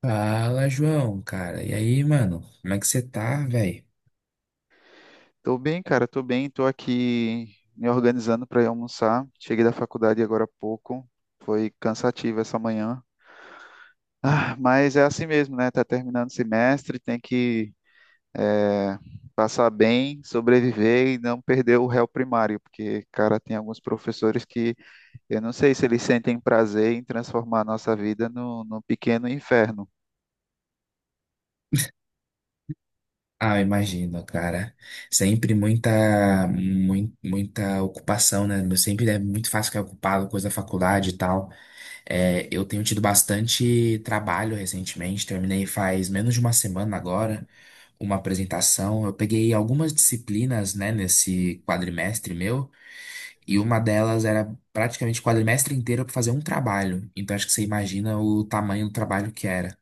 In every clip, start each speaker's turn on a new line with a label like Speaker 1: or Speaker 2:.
Speaker 1: Fala, João, cara. E aí, mano? Como é que você tá, velho?
Speaker 2: Tô bem, cara, tô bem, tô aqui me organizando para ir almoçar. Cheguei da faculdade agora há pouco. Foi cansativo essa manhã. Ah, mas é assim mesmo, né? Tá terminando o semestre, tem que eh, passar bem, sobreviver e não perder o réu primário, porque, cara, tem alguns professores que eu não sei se eles sentem prazer em transformar a nossa vida no, num pequeno inferno.
Speaker 1: Ah, eu imagino, cara. Sempre muita ocupação, né? Meu, sempre é muito fácil ficar ocupado, coisa da faculdade e tal. É, eu tenho tido bastante trabalho recentemente. Terminei faz menos de uma semana agora uma apresentação. Eu peguei algumas disciplinas, né, nesse quadrimestre meu, e uma delas era praticamente o quadrimestre inteiro para fazer um trabalho. Então acho que você imagina o tamanho do trabalho que era.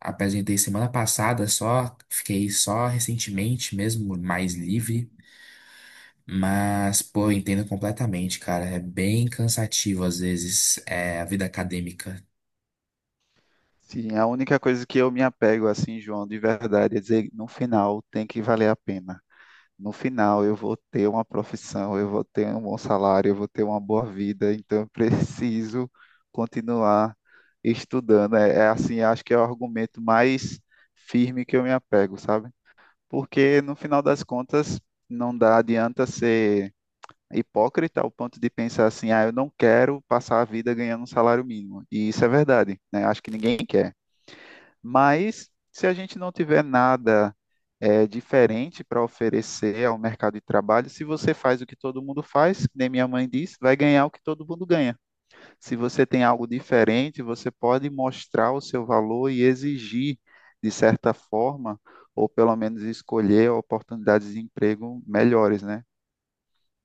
Speaker 1: Apresentei semana passada só, fiquei só recentemente mesmo, mais livre. Mas, pô, eu entendo completamente, cara. É bem cansativo às vezes, a vida acadêmica.
Speaker 2: Sim, a única coisa que eu me apego assim, João, de verdade, é dizer, no final tem que valer a pena. No final eu vou ter uma profissão, eu vou ter um bom salário, eu vou ter uma boa vida, então eu preciso continuar estudando. É, é assim, acho que é o argumento mais firme que eu me apego, sabe? Porque no final das contas não dá adianta ser hipócrita ao ponto de pensar assim, ah, eu não quero passar a vida ganhando um salário mínimo. E isso é verdade, né? Acho que ninguém quer. Mas se a gente não tiver nada diferente para oferecer ao mercado de trabalho, se você faz o que todo mundo faz, que nem minha mãe disse, vai ganhar o que todo mundo ganha. Se você tem algo diferente, você pode mostrar o seu valor e exigir, de certa forma, ou pelo menos escolher oportunidades de emprego melhores, né?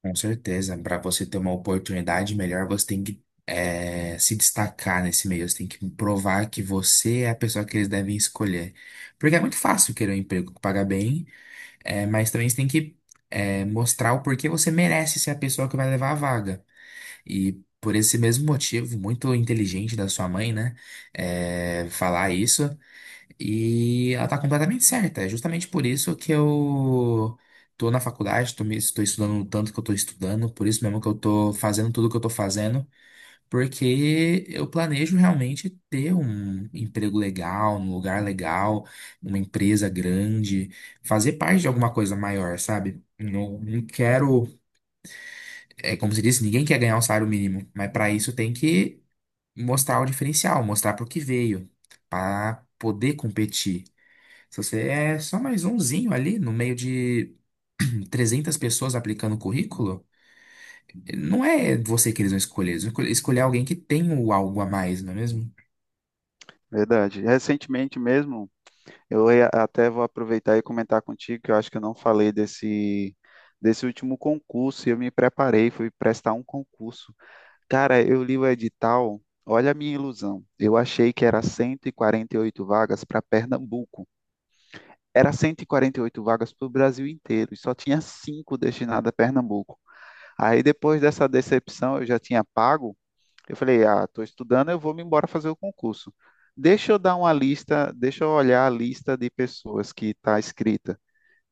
Speaker 1: Com certeza. Para você ter uma oportunidade melhor, você tem que se destacar nesse meio. Você tem que provar que você é a pessoa que eles devem escolher. Porque é muito fácil querer um emprego que paga bem, mas também você tem que mostrar o porquê você merece ser a pessoa que vai levar a vaga. E por esse mesmo motivo, muito inteligente da sua mãe, né? Falar isso. E ela tá completamente certa. É justamente por isso que eu tô na faculdade, estou estudando o tanto que eu tô estudando, por isso mesmo que eu tô fazendo tudo que eu tô fazendo, porque eu planejo realmente ter um emprego legal, um lugar legal, uma empresa grande, fazer parte de alguma coisa maior, sabe? Não, não quero, é como se disse, ninguém quer ganhar um salário mínimo, mas para isso tem que mostrar o diferencial, mostrar para o que veio, para poder competir. Se você é só mais umzinho ali no meio de 300 pessoas aplicando o currículo, não é você que eles vão escolher, eles vão escolher alguém que tem o algo a mais, não é mesmo?
Speaker 2: Verdade. Recentemente mesmo, até vou aproveitar e comentar contigo que eu acho que eu não falei desse último concurso. E eu me preparei, fui prestar um concurso. Cara, eu li o edital, olha a minha ilusão. Eu achei que era cento e quarenta e oito vagas para Pernambuco. Era cento e quarenta e oito vagas para o Brasil inteiro e só tinha cinco destinadas a Pernambuco. Aí depois dessa decepção, eu já tinha pago, eu falei, ah, estou estudando, eu vou me embora fazer o concurso. Deixa eu dar uma lista, deixa eu olhar a lista de pessoas que está escrita.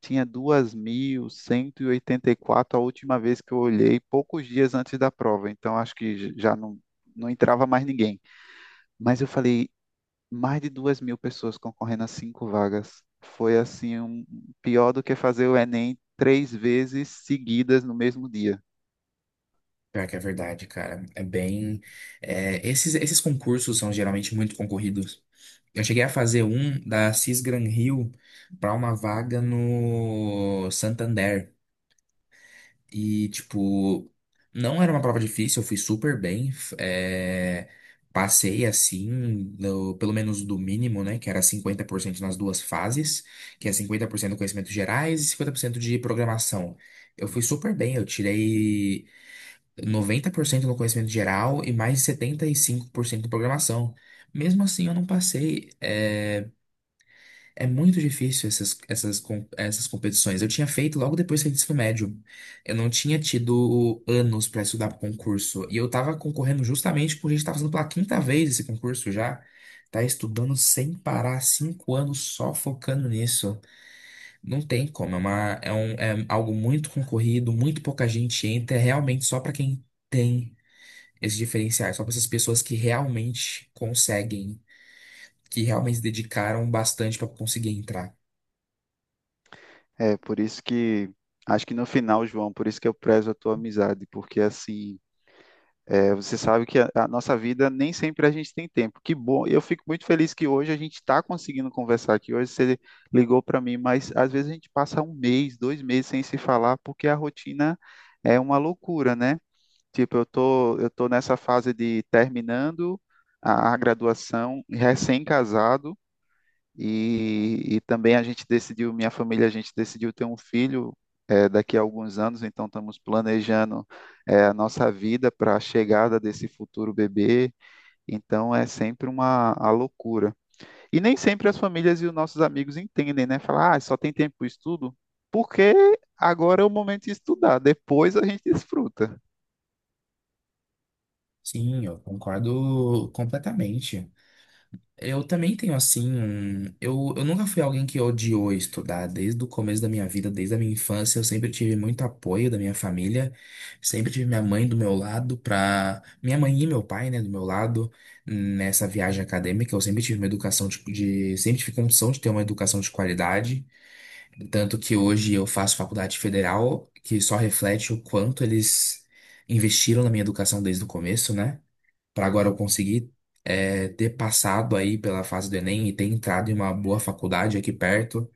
Speaker 2: Tinha duas mil cento e oitenta e quatro a última vez que eu olhei, poucos dias antes da prova, então acho que já não entrava mais ninguém. Mas eu falei, mais de 2 mil pessoas concorrendo a cinco vagas. Foi assim, pior do que fazer o Enem três vezes seguidas no mesmo dia.
Speaker 1: Pior que é verdade, cara. É bem. Esses concursos são geralmente muito concorridos. Eu cheguei a fazer um da Cis Gran Rio para uma vaga no Santander. E, tipo, não era uma prova difícil, eu fui super bem. Passei assim, pelo menos do mínimo, né? Que era 50% nas duas fases, que é 50% de conhecimentos gerais e 50% de programação. Eu fui super bem, eu tirei 90% no conhecimento geral e mais 75% de programação. Mesmo assim, eu não passei. É muito difícil essas competições. Eu tinha feito logo depois que eu saí do ensino médio. Eu não tinha tido anos para estudar para concurso. E eu tava concorrendo justamente porque a gente tá fazendo pela quinta vez esse concurso já. Tá estudando sem parar, 5 anos só focando nisso. Não tem como. É, um, é algo muito concorrido, muito pouca gente entra. É realmente só para quem tem esses diferenciais, só para essas pessoas que realmente conseguem, que realmente se dedicaram bastante para conseguir entrar.
Speaker 2: É, por isso que acho que no final, João, por isso que eu prezo a tua amizade, porque assim, você sabe que a nossa vida nem sempre a gente tem tempo. Que bom, eu fico muito feliz que hoje a gente está conseguindo conversar aqui. Hoje você ligou para mim, mas às vezes a gente passa um mês, dois meses sem se falar, porque a rotina é uma loucura, né? Tipo, eu tô nessa fase de terminando a graduação, recém-casado. E também a gente decidiu, minha família, a gente decidiu ter um filho daqui a alguns anos, então estamos planejando a nossa vida para a chegada desse futuro bebê. Então é sempre uma a loucura. E nem sempre as famílias e os nossos amigos entendem, né? Falar, ah, só tem tempo para estudo, porque agora é o momento de estudar, depois a gente desfruta.
Speaker 1: Sim, eu concordo completamente. Eu também tenho assim um. Eu nunca fui alguém que odiou estudar desde o começo da minha vida, desde a minha infância. Eu sempre tive muito apoio da minha família, sempre tive minha mãe do meu lado, pra. Minha mãe e meu pai, né, do meu lado, nessa viagem acadêmica. Eu sempre tive uma educação Sempre tive condição de ter uma educação de qualidade. Tanto que hoje eu faço faculdade federal, que só reflete o quanto eles investiram na minha educação desde o começo, né? Para agora eu conseguir ter passado aí pela fase do Enem e ter entrado em uma boa faculdade aqui perto,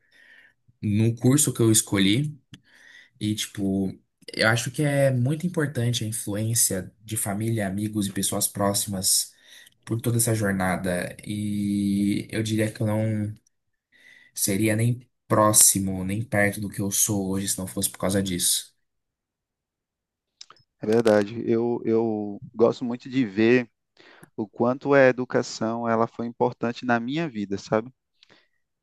Speaker 1: no curso que eu escolhi. E, tipo, eu acho que é muito importante a influência de família, amigos e pessoas próximas por toda essa jornada. E eu diria que eu não seria nem próximo, nem perto do que eu sou hoje se não fosse por causa disso.
Speaker 2: É verdade. Eu gosto muito de ver o quanto a educação ela foi importante na minha vida, sabe?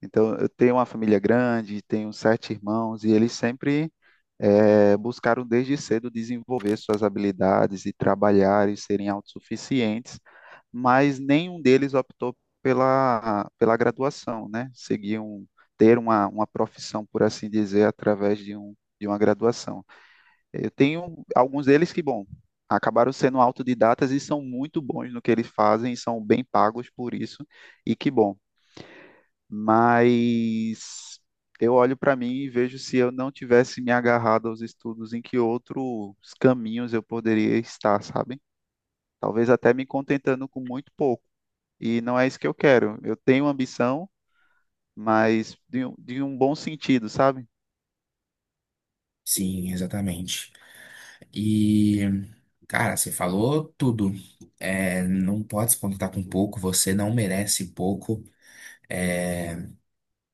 Speaker 2: Então, eu tenho uma família grande, tenho sete irmãos, e eles sempre buscaram desde cedo desenvolver suas habilidades e trabalhar e serem autossuficientes, mas nenhum deles optou pela graduação, né? Seguiam ter uma profissão, por assim dizer, através de uma graduação. Eu tenho alguns deles que, bom, acabaram sendo autodidatas e são muito bons no que eles fazem, são bem pagos por isso, e que bom, mas eu olho para mim e vejo se eu não tivesse me agarrado aos estudos, em que outros caminhos eu poderia estar, sabe? Talvez até me contentando com muito pouco. E não é isso que eu quero. Eu tenho ambição, mas de um bom sentido, sabe?
Speaker 1: Sim, exatamente. E, cara, você falou tudo. É, não pode se contentar com pouco, você não merece pouco. É,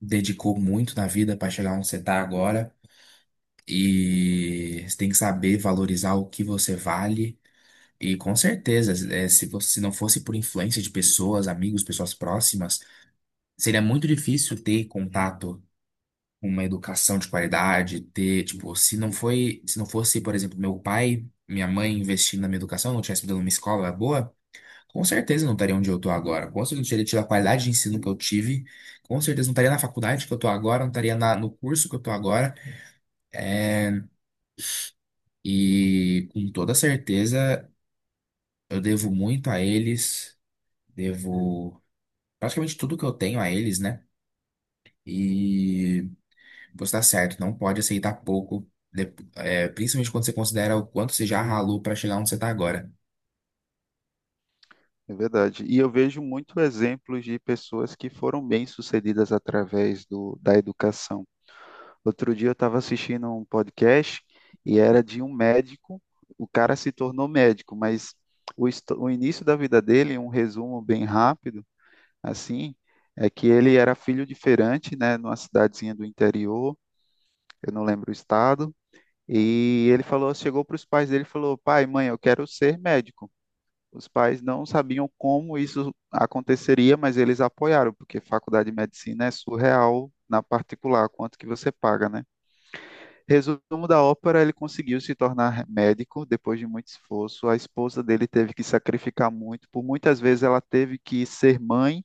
Speaker 1: Dedicou muito na vida para chegar onde você tá agora. E você tem que saber valorizar o que você vale. E com certeza, é, se você se não fosse por influência de pessoas, amigos, pessoas próximas, seria muito difícil ter contato com uma educação de qualidade, ter, tipo, se não fosse, por exemplo, meu pai, minha mãe investindo na minha educação, não tivesse me dado uma escola boa. Com certeza não estaria onde eu estou agora. Com certeza não teria tido a qualidade de ensino que eu tive. Com certeza não estaria na faculdade que eu estou agora, não estaria no curso que eu estou agora. E com toda certeza eu devo muito a eles, devo praticamente tudo que eu tenho a eles, né? E você tá certo, não pode aceitar pouco, principalmente quando você considera o quanto você já ralou para chegar onde você está agora.
Speaker 2: É verdade. E eu vejo muito exemplos de pessoas que foram bem-sucedidas através da educação. Outro dia eu estava assistindo um podcast e era de um médico. O cara se tornou médico, mas o início da vida dele, um resumo bem rápido, assim, é que ele era filho de feirante, né, numa cidadezinha do interior, eu não lembro o estado, e ele falou, chegou para os pais dele e falou: "Pai, mãe, eu quero ser médico". Os pais não sabiam como isso aconteceria, mas eles apoiaram, porque faculdade de medicina é surreal na particular, quanto que você paga, né? Resumo da ópera, ele conseguiu se tornar médico depois de muito esforço. A esposa dele teve que sacrificar muito, por muitas vezes ela teve que ser mãe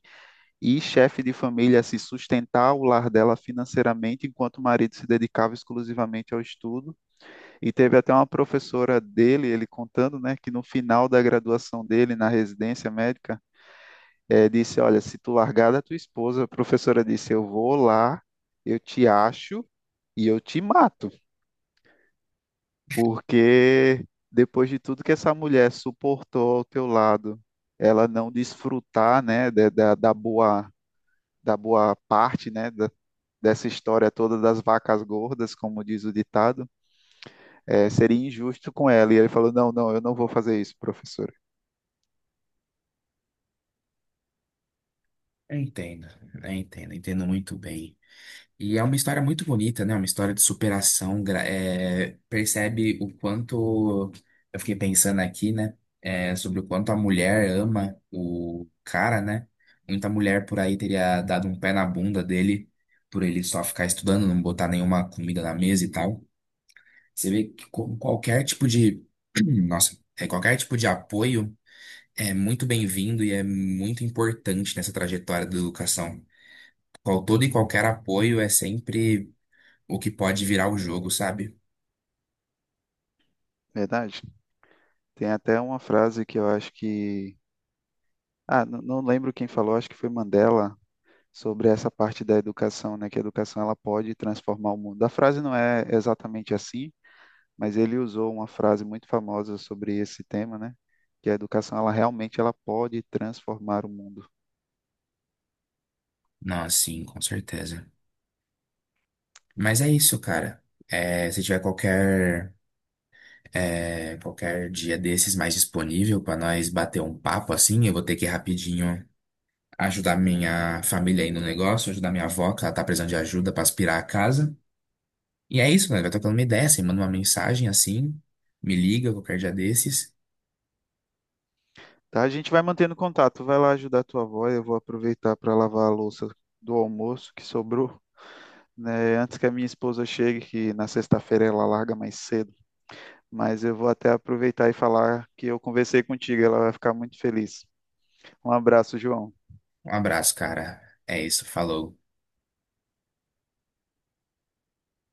Speaker 2: e chefe de família, se sustentar o lar dela financeiramente, enquanto o marido se dedicava exclusivamente ao estudo. E teve até uma professora dele, ele contando, né, que no final da graduação dele na residência médica, disse: Olha, se tu largar da tua esposa, a professora disse: Eu vou lá, eu te acho e eu te mato. Porque depois de tudo que essa mulher suportou ao teu lado, ela não desfrutar, né, da boa parte, né, dessa história toda das vacas gordas, como diz o ditado, seria injusto com ela. E ele falou: Não, não, eu não vou fazer isso, professora.
Speaker 1: Eu entendo, eu entendo, eu entendo muito bem. E é uma história muito bonita, né? Uma história de Superação. Percebe o quanto. Eu fiquei pensando aqui, né? É, sobre o quanto a mulher ama o cara, né? Muita mulher por aí teria dado um pé na bunda dele por ele só ficar estudando, não botar nenhuma comida na mesa e tal. Você vê que com qualquer tipo de. Nossa, qualquer tipo de apoio é muito bem-vindo e é muito importante nessa trajetória da educação. Todo e qualquer apoio é sempre o que pode virar o jogo, sabe?
Speaker 2: Verdade. Tem até uma frase que eu acho que. Ah, não lembro quem falou, acho que foi Mandela, sobre essa parte da educação, né? Que a educação ela pode transformar o mundo. A frase não é exatamente assim, mas ele usou uma frase muito famosa sobre esse tema, né? Que a educação ela realmente ela pode transformar o mundo.
Speaker 1: Não, sim, com certeza. Mas é isso, cara. Se tiver qualquer dia desses mais disponível pra nós bater um papo assim, eu vou ter que ir rapidinho ajudar minha família aí no negócio, ajudar minha avó, que ela tá precisando de ajuda pra aspirar a casa. E é isso, mano. Vai trocando uma ideia, você manda uma mensagem assim, me liga qualquer dia desses.
Speaker 2: Tá? A gente vai mantendo contato. Vai lá ajudar a tua avó, eu vou aproveitar para lavar a louça do almoço que sobrou, né? Antes que a minha esposa chegue, que na sexta-feira ela larga mais cedo. Mas eu vou até aproveitar e falar que eu conversei contigo, ela vai ficar muito feliz. Um abraço, João.
Speaker 1: Um abraço, cara. É isso, falou.